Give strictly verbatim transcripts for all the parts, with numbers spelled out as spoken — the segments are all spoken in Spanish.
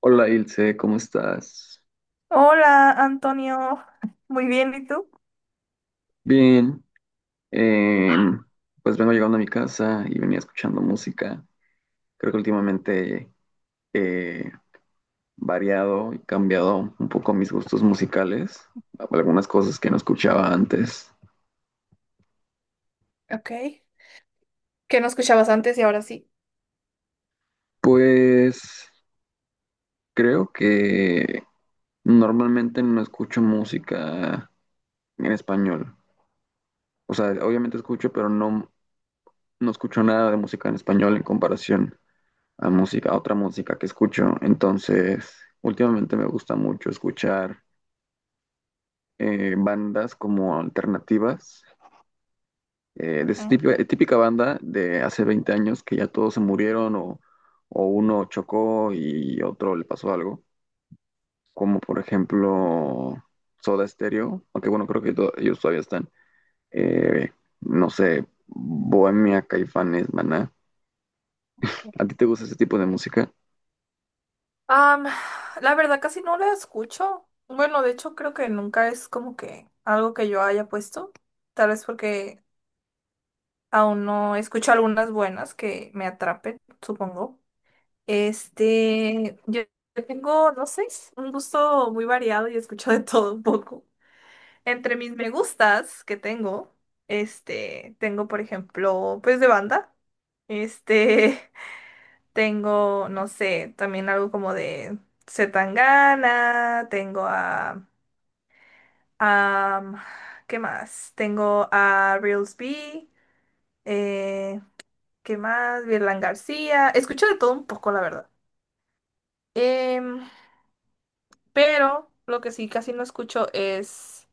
Hola Ilse, ¿cómo estás? Hola, Antonio. Muy bien, ¿y tú? Bien, em, pues vengo llegando a mi casa y venía escuchando música. Creo que últimamente he variado y cambiado un poco mis gustos musicales, algunas cosas que no escuchaba antes. Ok. Que no escuchabas antes y ahora sí. Pues creo que normalmente no escucho música en español. O sea, obviamente escucho, pero no, no escucho nada de música en español en comparación a música, a otra música que escucho. Entonces, últimamente me gusta mucho escuchar eh, bandas como alternativas, eh, de esa Ujú. típica, típica banda de hace veinte años que ya todos se murieron o, o uno chocó y otro le pasó algo, como por ejemplo Soda Stereo, aunque bueno, creo que to- ellos todavía están. eh, no sé, Bohemia, Caifanes, Maná. ¿A ti te gusta ese tipo de música? Am, la verdad casi no la escucho. Bueno, de hecho creo que nunca es como que algo que yo haya puesto. Tal vez porque aún no escucho algunas buenas que me atrapen, supongo. Este, yo yo tengo, no sé, un gusto muy variado y escucho de todo un poco. Entre mis me gustas que tengo, este, tengo por ejemplo, pues de banda. Este, tengo, no sé, también algo como de Zetangana, tengo a, a, ¿qué más? Tengo a Reels B, eh, ¿qué más? Virlan García, escucho de todo un poco, la verdad. Em, pero lo que sí casi no escucho es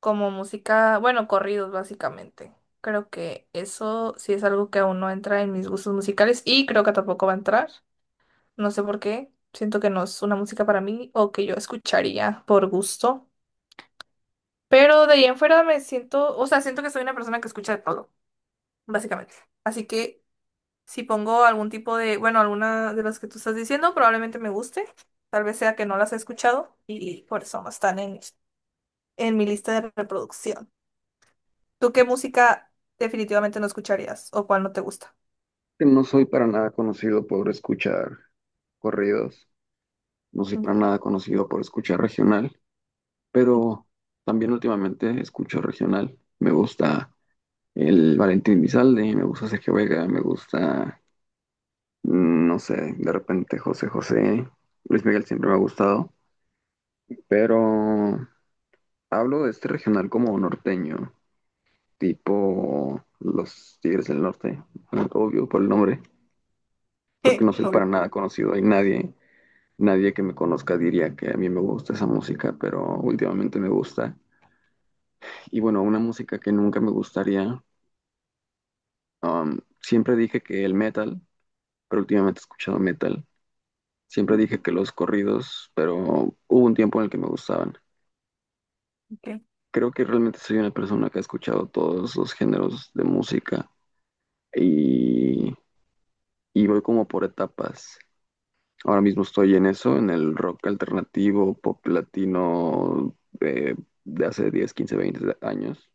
como música, bueno, corridos básicamente. Creo que eso sí es algo que aún no entra en mis gustos musicales y creo que tampoco va a entrar. No sé por qué. Siento que no es una música para mí o que yo escucharía por gusto. Pero de ahí en fuera me siento, o sea, siento que soy una persona que escucha de todo, básicamente. Así que si pongo algún tipo de, bueno, alguna de las que tú estás diciendo, probablemente me guste. Tal vez sea que no las he escuchado y por eso no están en, en mi lista de reproducción. ¿Tú qué música definitivamente no escucharías o cuál no te gusta? Que no soy para nada conocido por escuchar corridos, no soy Mm. para nada conocido por escuchar regional, pero también últimamente escucho regional. Me gusta el Valentín Elizalde, me gusta Sergio Vega, me gusta, mm, no sé, de repente José José, Luis Miguel siempre me ha gustado, pero hablo de este regional como norteño, tipo Los Tigres del Norte, obvio por el nombre, creo que no soy Obvio. para nada conocido. Hay nadie, nadie que me conozca diría que a mí me gusta esa música, pero últimamente me gusta. Y bueno, una música que nunca me gustaría. Um, siempre dije que el metal, pero últimamente he escuchado metal. Siempre Mm, dije que los corridos, pero hubo un tiempo en el que me gustaban. okay. Creo que realmente soy una persona que ha escuchado todos los géneros de música y, y voy como por etapas. Ahora mismo estoy en eso, en el rock alternativo, pop latino, eh, de hace diez, quince, veinte años.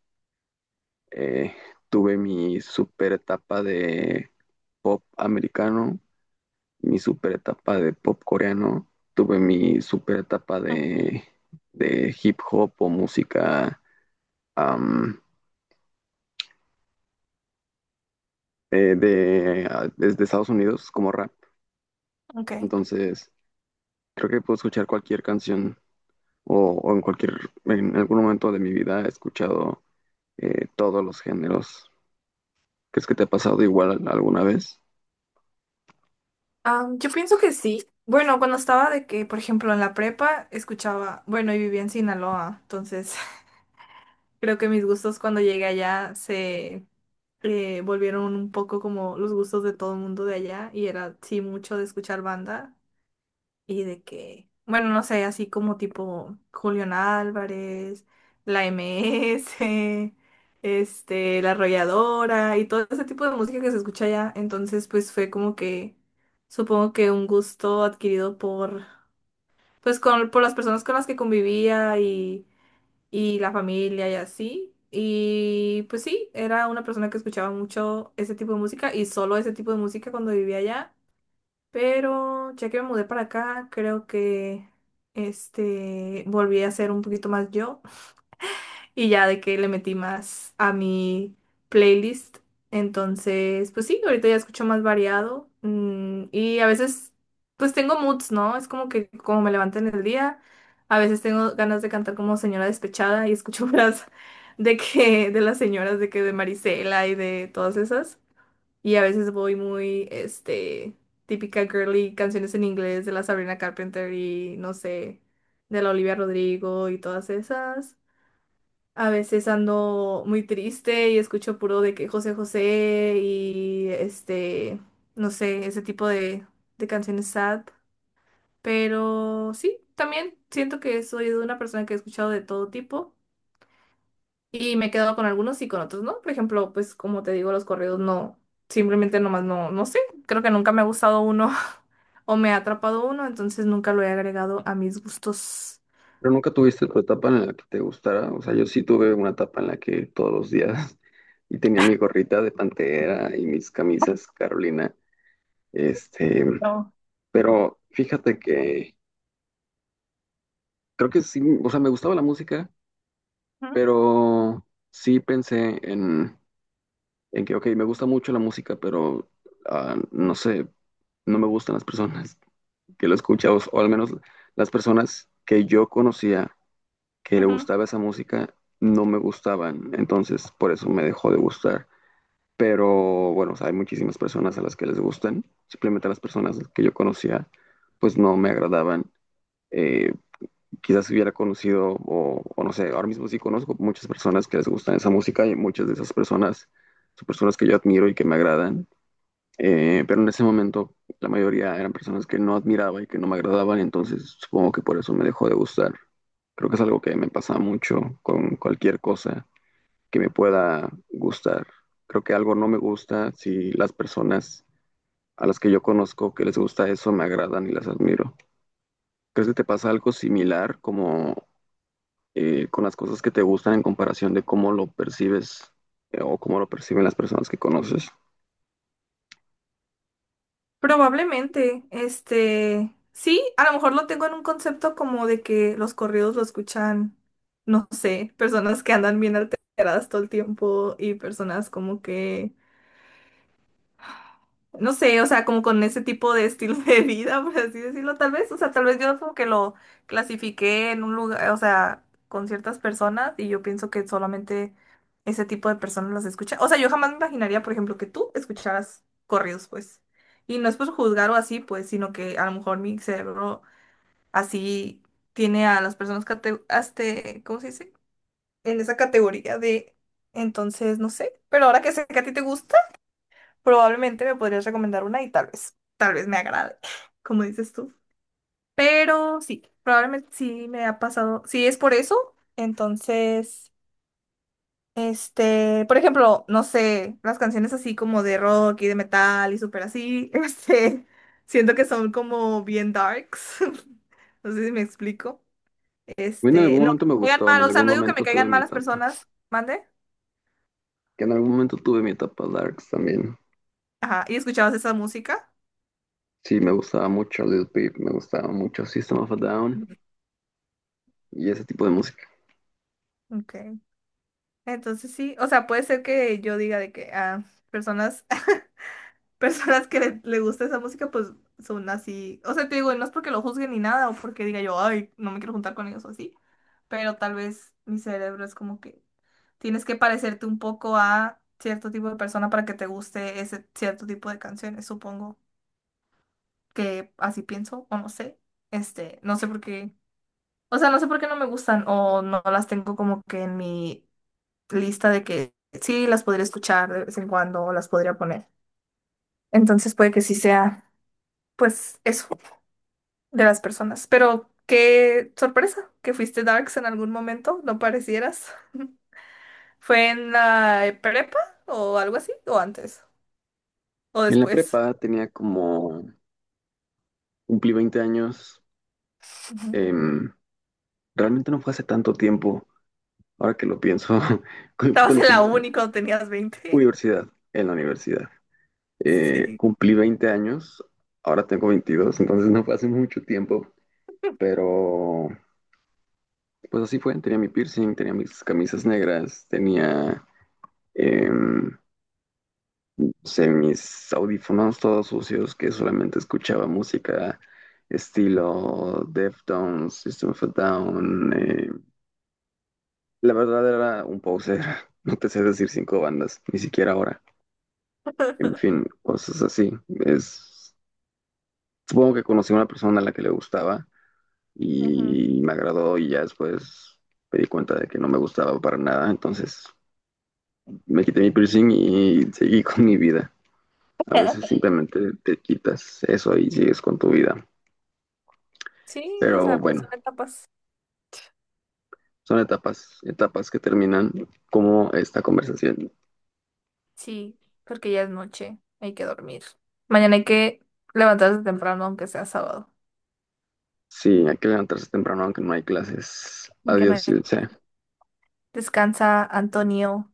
Eh, Tuve mi super etapa de pop americano, mi super etapa de pop coreano, tuve mi super etapa Mm, de, de hip hop o música, am, eh, de, ah, desde Estados Unidos como rap. ok. Entonces, creo que puedo escuchar cualquier canción o, o en cualquier, en algún momento de mi vida he escuchado eh, todos los géneros. ¿Crees que te ha pasado igual alguna vez? Ah, yo pienso que sí. Bueno, cuando estaba de que, por ejemplo, en la prepa escuchaba, bueno, y vivía en Sinaloa, entonces creo que mis gustos cuando llegué allá se eh, volvieron un poco como los gustos de todo el mundo de allá y era, sí, mucho de escuchar banda. Y de que, bueno, no sé, así como tipo Julián Álvarez, la M S, este, La Arrolladora y todo ese tipo de música que se escucha allá. Entonces, pues fue como que, supongo que un gusto adquirido por, pues con, por las personas con las que convivía y, y la familia y así. Y pues sí, era una persona que escuchaba mucho ese tipo de música y solo ese tipo de música cuando vivía allá. Pero ya que me mudé para acá, creo que este volví a ser un poquito más yo y ya de que le metí más a mi playlist. Entonces, pues sí, ahorita ya escucho más variado mm, y a veces pues tengo moods, ¿no? Es como que como me levanté en el día, a veces tengo ganas de cantar como señora despechada y escucho las de que de las señoras de que de Marisela y de todas esas. Y a veces voy muy, este, típica girly, canciones en inglés de la Sabrina Carpenter y no sé, de la Olivia Rodrigo y todas esas. A veces ando muy triste y escucho puro de que José José y este, no sé, ese tipo de, de canciones sad. Pero sí, también siento que soy de una persona que he escuchado de todo tipo. Y me he quedado con algunos y con otros, ¿no? Por ejemplo, pues como te digo, los corridos no, simplemente nomás no, no sé, creo que nunca me ha gustado uno o me ha atrapado uno, entonces nunca lo he agregado a mis gustos. Pero nunca tuviste tu etapa en la que te gustara. O sea, yo sí tuve una etapa en la que todos los días y tenía mi gorrita de Pantera y mis camisas Carolina. Este, No. pero fíjate que creo que sí, o sea, me gustaba la música, Ujú, pero sí pensé en, en que, ok, me gusta mucho la música, pero ah, no sé, no me gustan las personas que lo escuchan, o o al menos las personas que yo conocía que le ujú. gustaba esa música no me gustaban, entonces por eso me dejó de gustar. Pero bueno, o sea, hay muchísimas personas a las que les gustan, simplemente a las personas que yo conocía, pues no me agradaban. Eh, Quizás hubiera conocido, o, o no sé, ahora mismo sí conozco muchas personas que les gustan esa música y muchas de esas personas son personas que yo admiro y que me agradan, eh, pero en ese momento la mayoría eran personas que no admiraba y que no me agradaban, entonces supongo que por eso me dejó de gustar. Creo que es algo que me pasa mucho con cualquier cosa que me pueda gustar. Creo que algo no me gusta si las personas a las que yo conozco que les gusta eso me agradan y las admiro. ¿Crees que te pasa algo similar como, eh, con las cosas que te gustan en comparación de cómo lo percibes, eh, o cómo lo perciben las personas que conoces? Probablemente, este, sí, a lo mejor lo tengo en un concepto como de que los corridos lo escuchan, no sé, personas que andan bien alteradas todo el tiempo y personas como que no sé, o sea, como con ese tipo de estilo de vida, por así decirlo, tal vez, o sea, tal vez yo como que lo clasifiqué en un lugar, o sea, con ciertas personas y yo pienso que solamente ese tipo de personas las escucha. O sea, yo jamás me imaginaría, por ejemplo, que tú escucharas corridos, pues. Y no es por juzgar o así, pues, sino que a lo mejor mi cerebro así tiene a las personas cate- este, ¿cómo se dice? En esa categoría de, entonces, no sé, pero ahora que sé que a ti te gusta probablemente me podrías recomendar una y tal vez, tal vez me agrade, como dices tú. Pero sí, probablemente sí me ha pasado. Si es por eso, entonces, este, por ejemplo, no sé, las canciones así como de rock y de metal y súper así, este, siento que son como bien darks. No sé si me explico. A mí en Este, algún No, momento me me caigan gustó, en mal, o sea, algún no digo que me momento tuve caigan mal mi las etapa, personas, mande. que en algún momento tuve mi etapa Darks también. Ajá, ¿y escuchabas esa música? Sí, me gustaba mucho Lil Peep, me gustaba mucho System of a Down Ujú. y ese tipo de música. Ok. Entonces sí, o sea, puede ser que yo diga de que ah, personas, personas que le, le gusta esa música, pues son así. O sea, te digo, no es porque lo juzguen ni nada, o porque diga yo, ay, no me quiero juntar con ellos o así. Pero tal vez mi cerebro es como que tienes que parecerte un poco a cierto tipo de persona para que te guste ese cierto tipo de canciones, supongo que así pienso, o no sé. Este, no sé por qué. O sea, no sé por qué no me gustan, o no las tengo como que en mi lista de que sí las podría escuchar de vez en cuando o las podría poner. Entonces puede que sí sea, pues, eso de las personas. Pero qué sorpresa que fuiste Darks en algún momento, no parecieras. ¿Fue en la prepa o algo así? ¿O antes? ¿O En la después? prepa tenía como, cumplí veinte años, Ujú. em, realmente no fue hace tanto tiempo, ahora que lo pienso, cu- fue Estabas cuando en la cumplí uni cuando tenías veinte. universidad, en la universidad. Eh, Sí. Cumplí veinte años, ahora tengo veintidós, entonces no fue hace mucho tiempo, pero pues así fue, tenía mi piercing, tenía mis camisas negras, tenía... em, usé mis audífonos todos sucios que solamente escuchaba música estilo Deftones, System of a Down. eh, La verdad era un poser. No te sé decir cinco bandas, ni siquiera ahora. En fin, cosas así. Es... Supongo que conocí a una persona a la que le gustaba Ujú. y me agradó y ya después me di cuenta de que no me gustaba para nada. Entonces me quité mi piercing y seguí con mi vida. A veces simplemente te quitas eso y sigues con tu vida. Sí, o Pero sea, pues bueno, son etapas. son etapas, etapas que terminan como esta conversación. Sí, porque ya es noche, hay que dormir. Mañana hay que levantarse temprano, aunque sea sábado. Sí, hay que levantarse temprano aunque no hay clases. En que no Adiós, Ilse. descansa, Antonio.